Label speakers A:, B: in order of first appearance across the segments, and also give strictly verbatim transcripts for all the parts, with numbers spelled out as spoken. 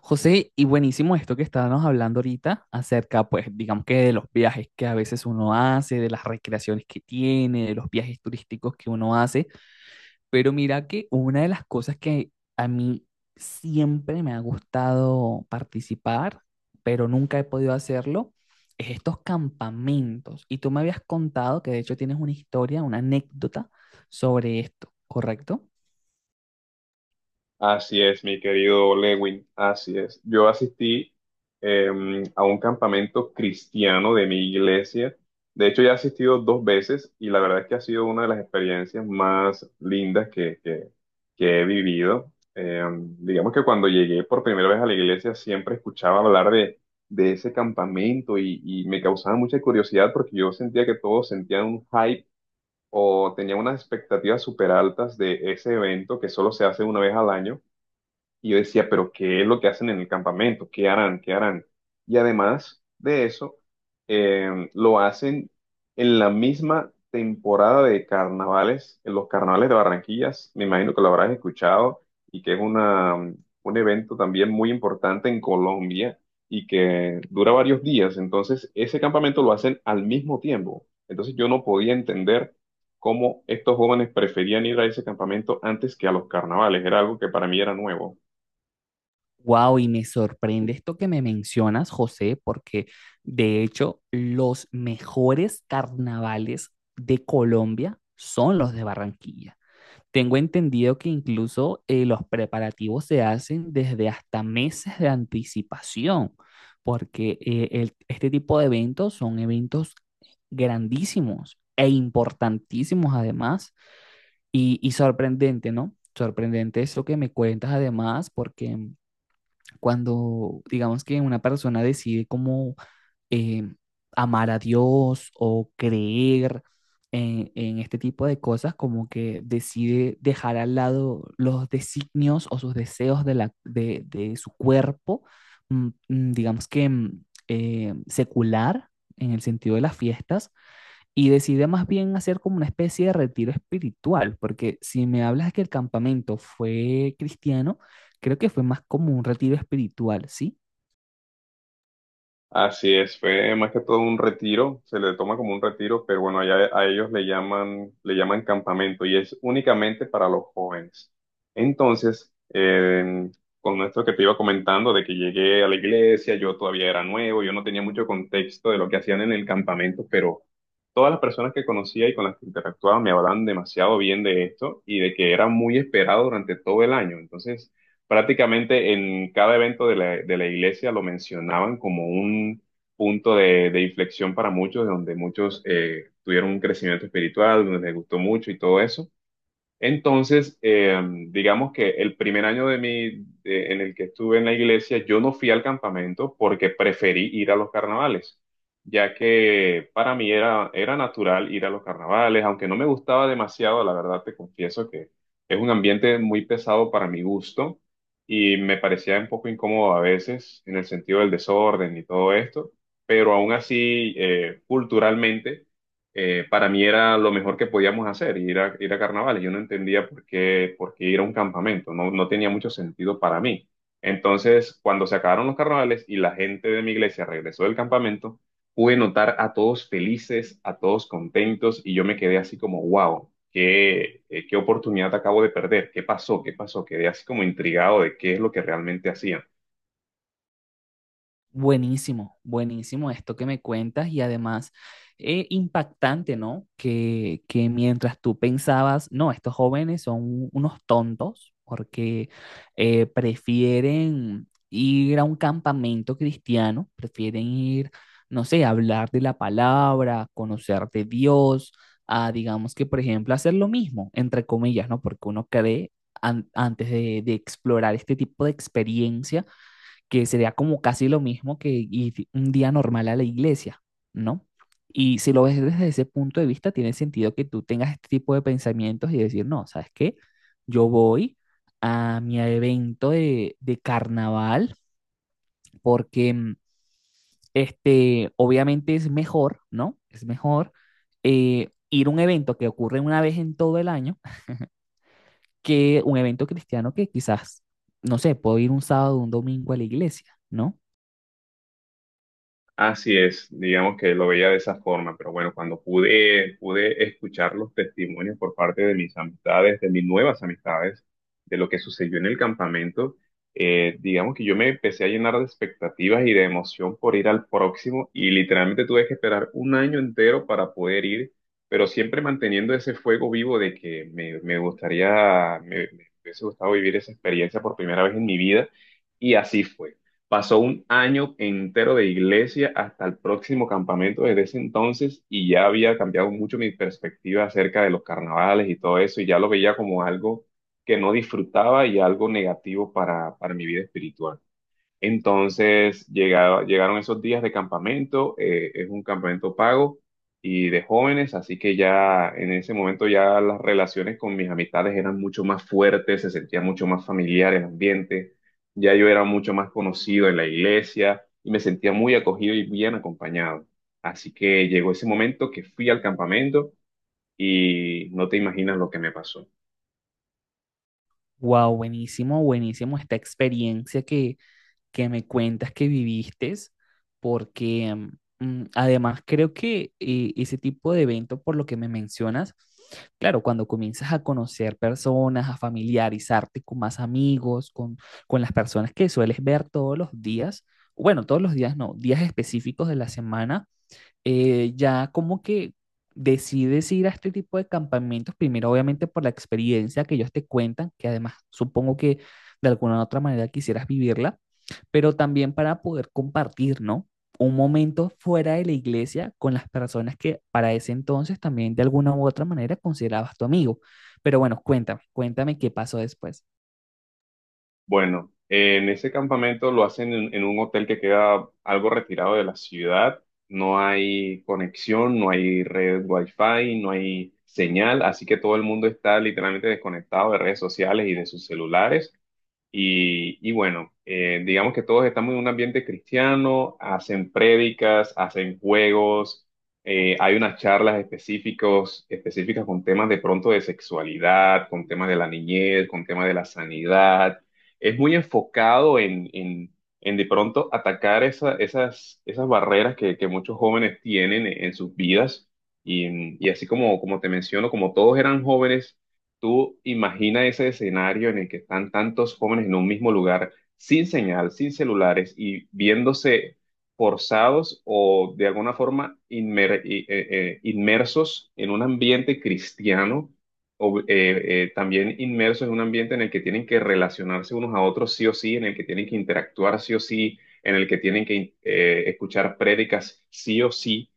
A: José, y buenísimo esto que estábamos hablando ahorita acerca, pues, digamos que de los viajes que a veces uno hace, de las recreaciones que tiene, de los viajes turísticos que uno hace. Pero mira que una de las cosas que a mí siempre me ha gustado participar, pero nunca he podido hacerlo, es estos campamentos. Y tú me habías contado que de hecho tienes una historia, una anécdota sobre esto, ¿correcto?
B: Así es, mi querido Lewin, así es. Yo asistí em, a un campamento cristiano de mi iglesia. De hecho, ya he asistido dos veces y la verdad es que ha sido una de las experiencias más lindas que, que- que he vivido. Em, digamos que cuando llegué por primera vez a la iglesia siempre escuchaba hablar de, de ese campamento y, y me causaba mucha curiosidad porque yo sentía que todos sentían un hype o tenían unas expectativas súper altas de ese evento que solo se hace una vez al año. Y yo decía, pero ¿qué es lo que hacen en el campamento? ¿Qué harán? ¿Qué harán? Y además de eso, eh, lo hacen en la misma temporada de carnavales, en los carnavales de Barranquillas. Me imagino que lo habrás escuchado y que es una, un evento también muy importante en Colombia y que dura varios días. Entonces, ese campamento lo hacen al mismo tiempo. Entonces, yo no podía entender cómo estos jóvenes preferían ir a ese campamento antes que a los carnavales. Era algo que para mí era nuevo.
A: Wow, y me sorprende esto que me mencionas, José, porque de hecho los mejores carnavales de Colombia son los de Barranquilla. Tengo entendido que incluso eh, los preparativos se hacen desde hasta meses de anticipación, porque eh, el- este tipo de eventos son eventos grandísimos e importantísimos además, y, y sorprendente, ¿no? Sorprendente eso que me cuentas además, porque cuando digamos que una persona decide como eh, amar a Dios o creer en, en este tipo de cosas, como que decide dejar al lado los designios o sus deseos de, la, de, de su cuerpo, mm, mm, digamos que mm, eh, secular en el sentido de las fiestas, y decidí más bien hacer como una especie de retiro espiritual, porque si me hablas que el campamento fue cristiano, creo que fue más como un retiro espiritual, ¿sí?
B: Así es, fue más que todo un retiro, se le toma como un retiro, pero bueno, allá a ellos le llaman, le llaman campamento y es únicamente para los jóvenes. Entonces, eh, con esto que te iba comentando de que llegué a la iglesia, yo todavía era nuevo, yo no tenía mucho contexto de lo que hacían en el campamento, pero todas las personas que conocía y con las que interactuaba me hablaban demasiado bien de esto y de que era muy esperado durante todo el año. Entonces, prácticamente en cada evento de la, de la iglesia lo mencionaban como un punto de, de inflexión para muchos, donde muchos eh, tuvieron un crecimiento espiritual, donde les gustó mucho y todo eso. Entonces, eh, digamos que el primer año de mi, de- en el que estuve en la iglesia, yo no fui al campamento porque preferí ir a los carnavales, ya que para mí era, era natural ir a los carnavales, aunque no me gustaba demasiado, la verdad te confieso que es un ambiente muy pesado para mi gusto y me parecía un poco incómodo a veces en el sentido del desorden y todo esto, pero aún así, eh, culturalmente eh, para mí era lo mejor que podíamos hacer, ir a, ir a carnavales. Yo no entendía por qué, por qué ir a un campamento, no, no tenía mucho sentido para mí. Entonces, cuando se acabaron los carnavales y la gente de mi iglesia regresó del campamento, pude notar a todos felices, a todos contentos, y yo me quedé así como, wow, qué, eh, qué oportunidad acabo de perder, qué pasó, qué pasó, quedé así como intrigado de qué es lo que realmente hacían.
A: Buenísimo, buenísimo esto que me cuentas y además eh, impactante, ¿no? Que, que mientras tú pensabas, no, estos jóvenes son unos tontos porque eh, prefieren ir a un campamento cristiano, prefieren ir, no sé, a hablar de la palabra, a conocer de Dios, a digamos que, por ejemplo, hacer lo mismo, entre comillas, ¿no? Porque uno cree an- antes de de explorar este tipo de experiencia que sería como casi lo mismo que ir un día normal a la iglesia, ¿no? Y si lo ves desde ese punto de vista, tiene sentido que tú tengas este tipo de pensamientos y decir, no, ¿sabes qué? Yo voy a mi evento de, de carnaval porque mm, este, obviamente es mejor, ¿no? Es mejor eh, ir a un evento que ocurre una vez en todo el año que un evento cristiano que quizás, no sé, puedo ir un sábado o un domingo a la iglesia, ¿no?
B: Así es, digamos que lo veía de esa forma, pero bueno, cuando pude, pude escuchar los testimonios por parte de mis amistades, de mis nuevas amistades, de lo que sucedió en el campamento, eh, digamos que yo me empecé a llenar de expectativas y de emoción por ir al próximo y literalmente tuve que esperar un año entero para poder ir, pero siempre manteniendo ese fuego vivo de que me, me gustaría, me me hubiese gustado vivir esa experiencia por primera vez en mi vida y así fue. Pasó un año entero de iglesia hasta el próximo campamento desde ese entonces y ya había cambiado mucho mi perspectiva acerca de los carnavales y todo eso y ya lo veía como algo que no disfrutaba y algo negativo para, para mi vida espiritual. Entonces llegaba- llegaron esos días de campamento, eh, es un campamento pago y de jóvenes, así que ya en ese momento ya las relaciones con mis amistades eran mucho más fuertes, se sentía mucho más familiar el ambiente, ya yo era mucho más conocido en la iglesia y me sentía muy acogido y bien acompañado. Así que llegó ese momento que fui al campamento y no te imaginas lo que me pasó.
A: Wow, buenísimo, buenísimo esta experiencia que, que me cuentas que viviste, porque mm, mm, además creo que eh, ese tipo de evento, por lo que me mencionas, claro, cuando comienzas a conocer personas, a familiarizarte con más amigos, con, con las personas que sueles ver todos los días, bueno, todos los días no, días específicos de la semana eh, ya como que decides ir a este tipo de campamentos, primero obviamente por la experiencia que ellos te cuentan, que además supongo que de alguna u otra manera quisieras vivirla, pero también para poder compartir, ¿no? Un momento fuera de la iglesia con las personas que para ese entonces también de alguna u otra manera considerabas tu amigo. Pero bueno, cuéntame, cuéntame qué pasó después.
B: Bueno, en ese campamento lo hacen en, en un hotel que queda algo retirado de la ciudad. No hay conexión, no hay red wifi, no hay señal, así que todo el mundo está literalmente desconectado de redes sociales y de sus celulares. Y, y bueno, eh, digamos que todos estamos en un ambiente cristiano, hacen prédicas, hacen juegos, eh, hay unas charlas específicos, específicas con temas de pronto de sexualidad, con temas de la niñez, con temas de la sanidad. Es muy enfocado en, en, en de pronto atacar esa- esas, esas barreras que, que muchos jóvenes tienen en, en sus vidas. Y, y así como, como te menciono, como todos eran jóvenes. Tú imagina ese escenario en el que están tantos jóvenes en un mismo lugar, sin señal, sin celulares y viéndose forzados o de alguna forma inmer- i- eh, eh, inmersos en un ambiente cristiano o eh, eh, también inmersos en un ambiente en el que tienen que relacionarse unos a otros sí o sí, en el que tienen que interactuar sí o sí, en el que tienen que eh, escuchar prédicas sí o sí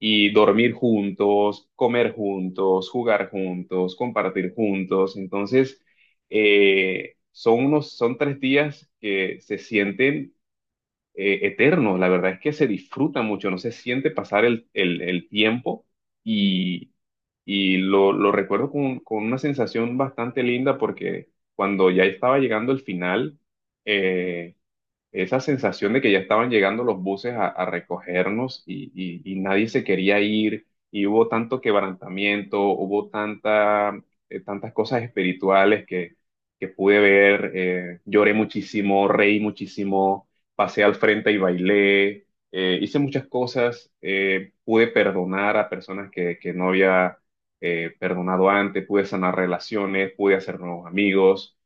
B: y dormir juntos, comer juntos, jugar juntos, compartir juntos. Entonces, eh, son unos, son tres días que se sienten eh, eternos. La verdad es que se disfruta mucho, no se siente pasar el, el- el tiempo y, y lo, lo recuerdo con, con una sensación bastante linda porque cuando ya estaba llegando el final, eh, esa sensación de que ya estaban llegando los buses a, a recogernos y, y- y nadie se quería ir, y hubo tanto quebrantamiento, hubo tanta, eh, tantas cosas espirituales que, que pude ver, eh, lloré muchísimo, reí muchísimo, pasé al frente y bailé, eh, hice muchas cosas, eh, pude perdonar a personas que, que no había eh, perdonado antes, pude sanar relaciones, pude hacer nuevos amigos.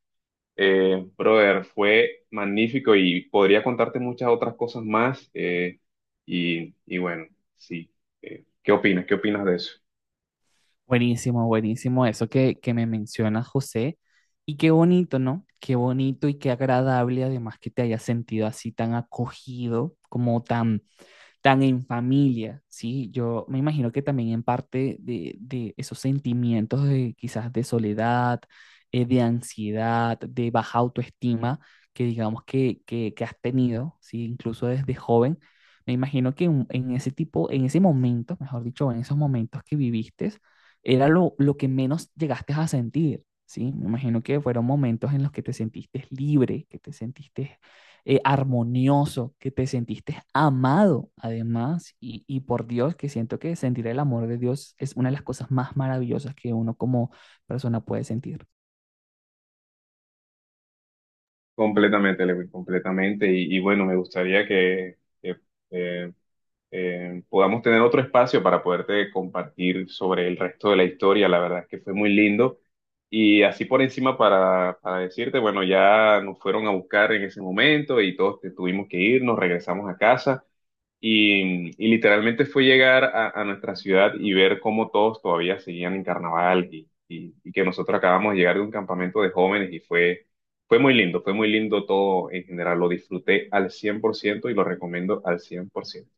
B: Eh, brother, fue magnífico y podría contarte muchas otras cosas más. Eh, y, y bueno, sí. Eh, ¿qué opinas? ¿Qué opinas de eso?
A: Buenísimo, buenísimo eso que, que me menciona José. Y qué bonito, ¿no? Qué bonito y qué agradable además que te hayas sentido así tan acogido, como tan tan en familia, ¿sí? Yo me imagino que también en parte de, de esos sentimientos de quizás de soledad, eh, de ansiedad, de baja autoestima que digamos que, que, que has tenido, ¿sí? Incluso desde joven, me imagino que en, en ese tipo, en ese momento, mejor dicho, en esos momentos que viviste, era lo, lo que menos llegaste a sentir, ¿sí? Me imagino que fueron momentos en los que te sentiste libre, que te sentiste eh, armonioso, que te sentiste amado además. Y, y por Dios, que siento que sentir el amor de Dios es una de las cosas más maravillosas que uno como persona puede sentir.
B: Completamente, Lewin, completamente. Y, y bueno, me gustaría que, que, eh, eh, podamos tener otro espacio para poderte compartir sobre el resto de la historia. La verdad es que fue muy lindo. Y así por encima para, para decirte, bueno, ya nos fueron a buscar en ese momento y todos te- tuvimos que ir, nos regresamos a casa. Y, y literalmente fue llegar a, a nuestra ciudad y ver cómo todos todavía seguían en carnaval y, y- y que nosotros acabamos de llegar de un campamento de jóvenes y fue, fue muy lindo, fue muy lindo todo en general. Lo disfruté al cien por ciento y lo recomiendo al cien por ciento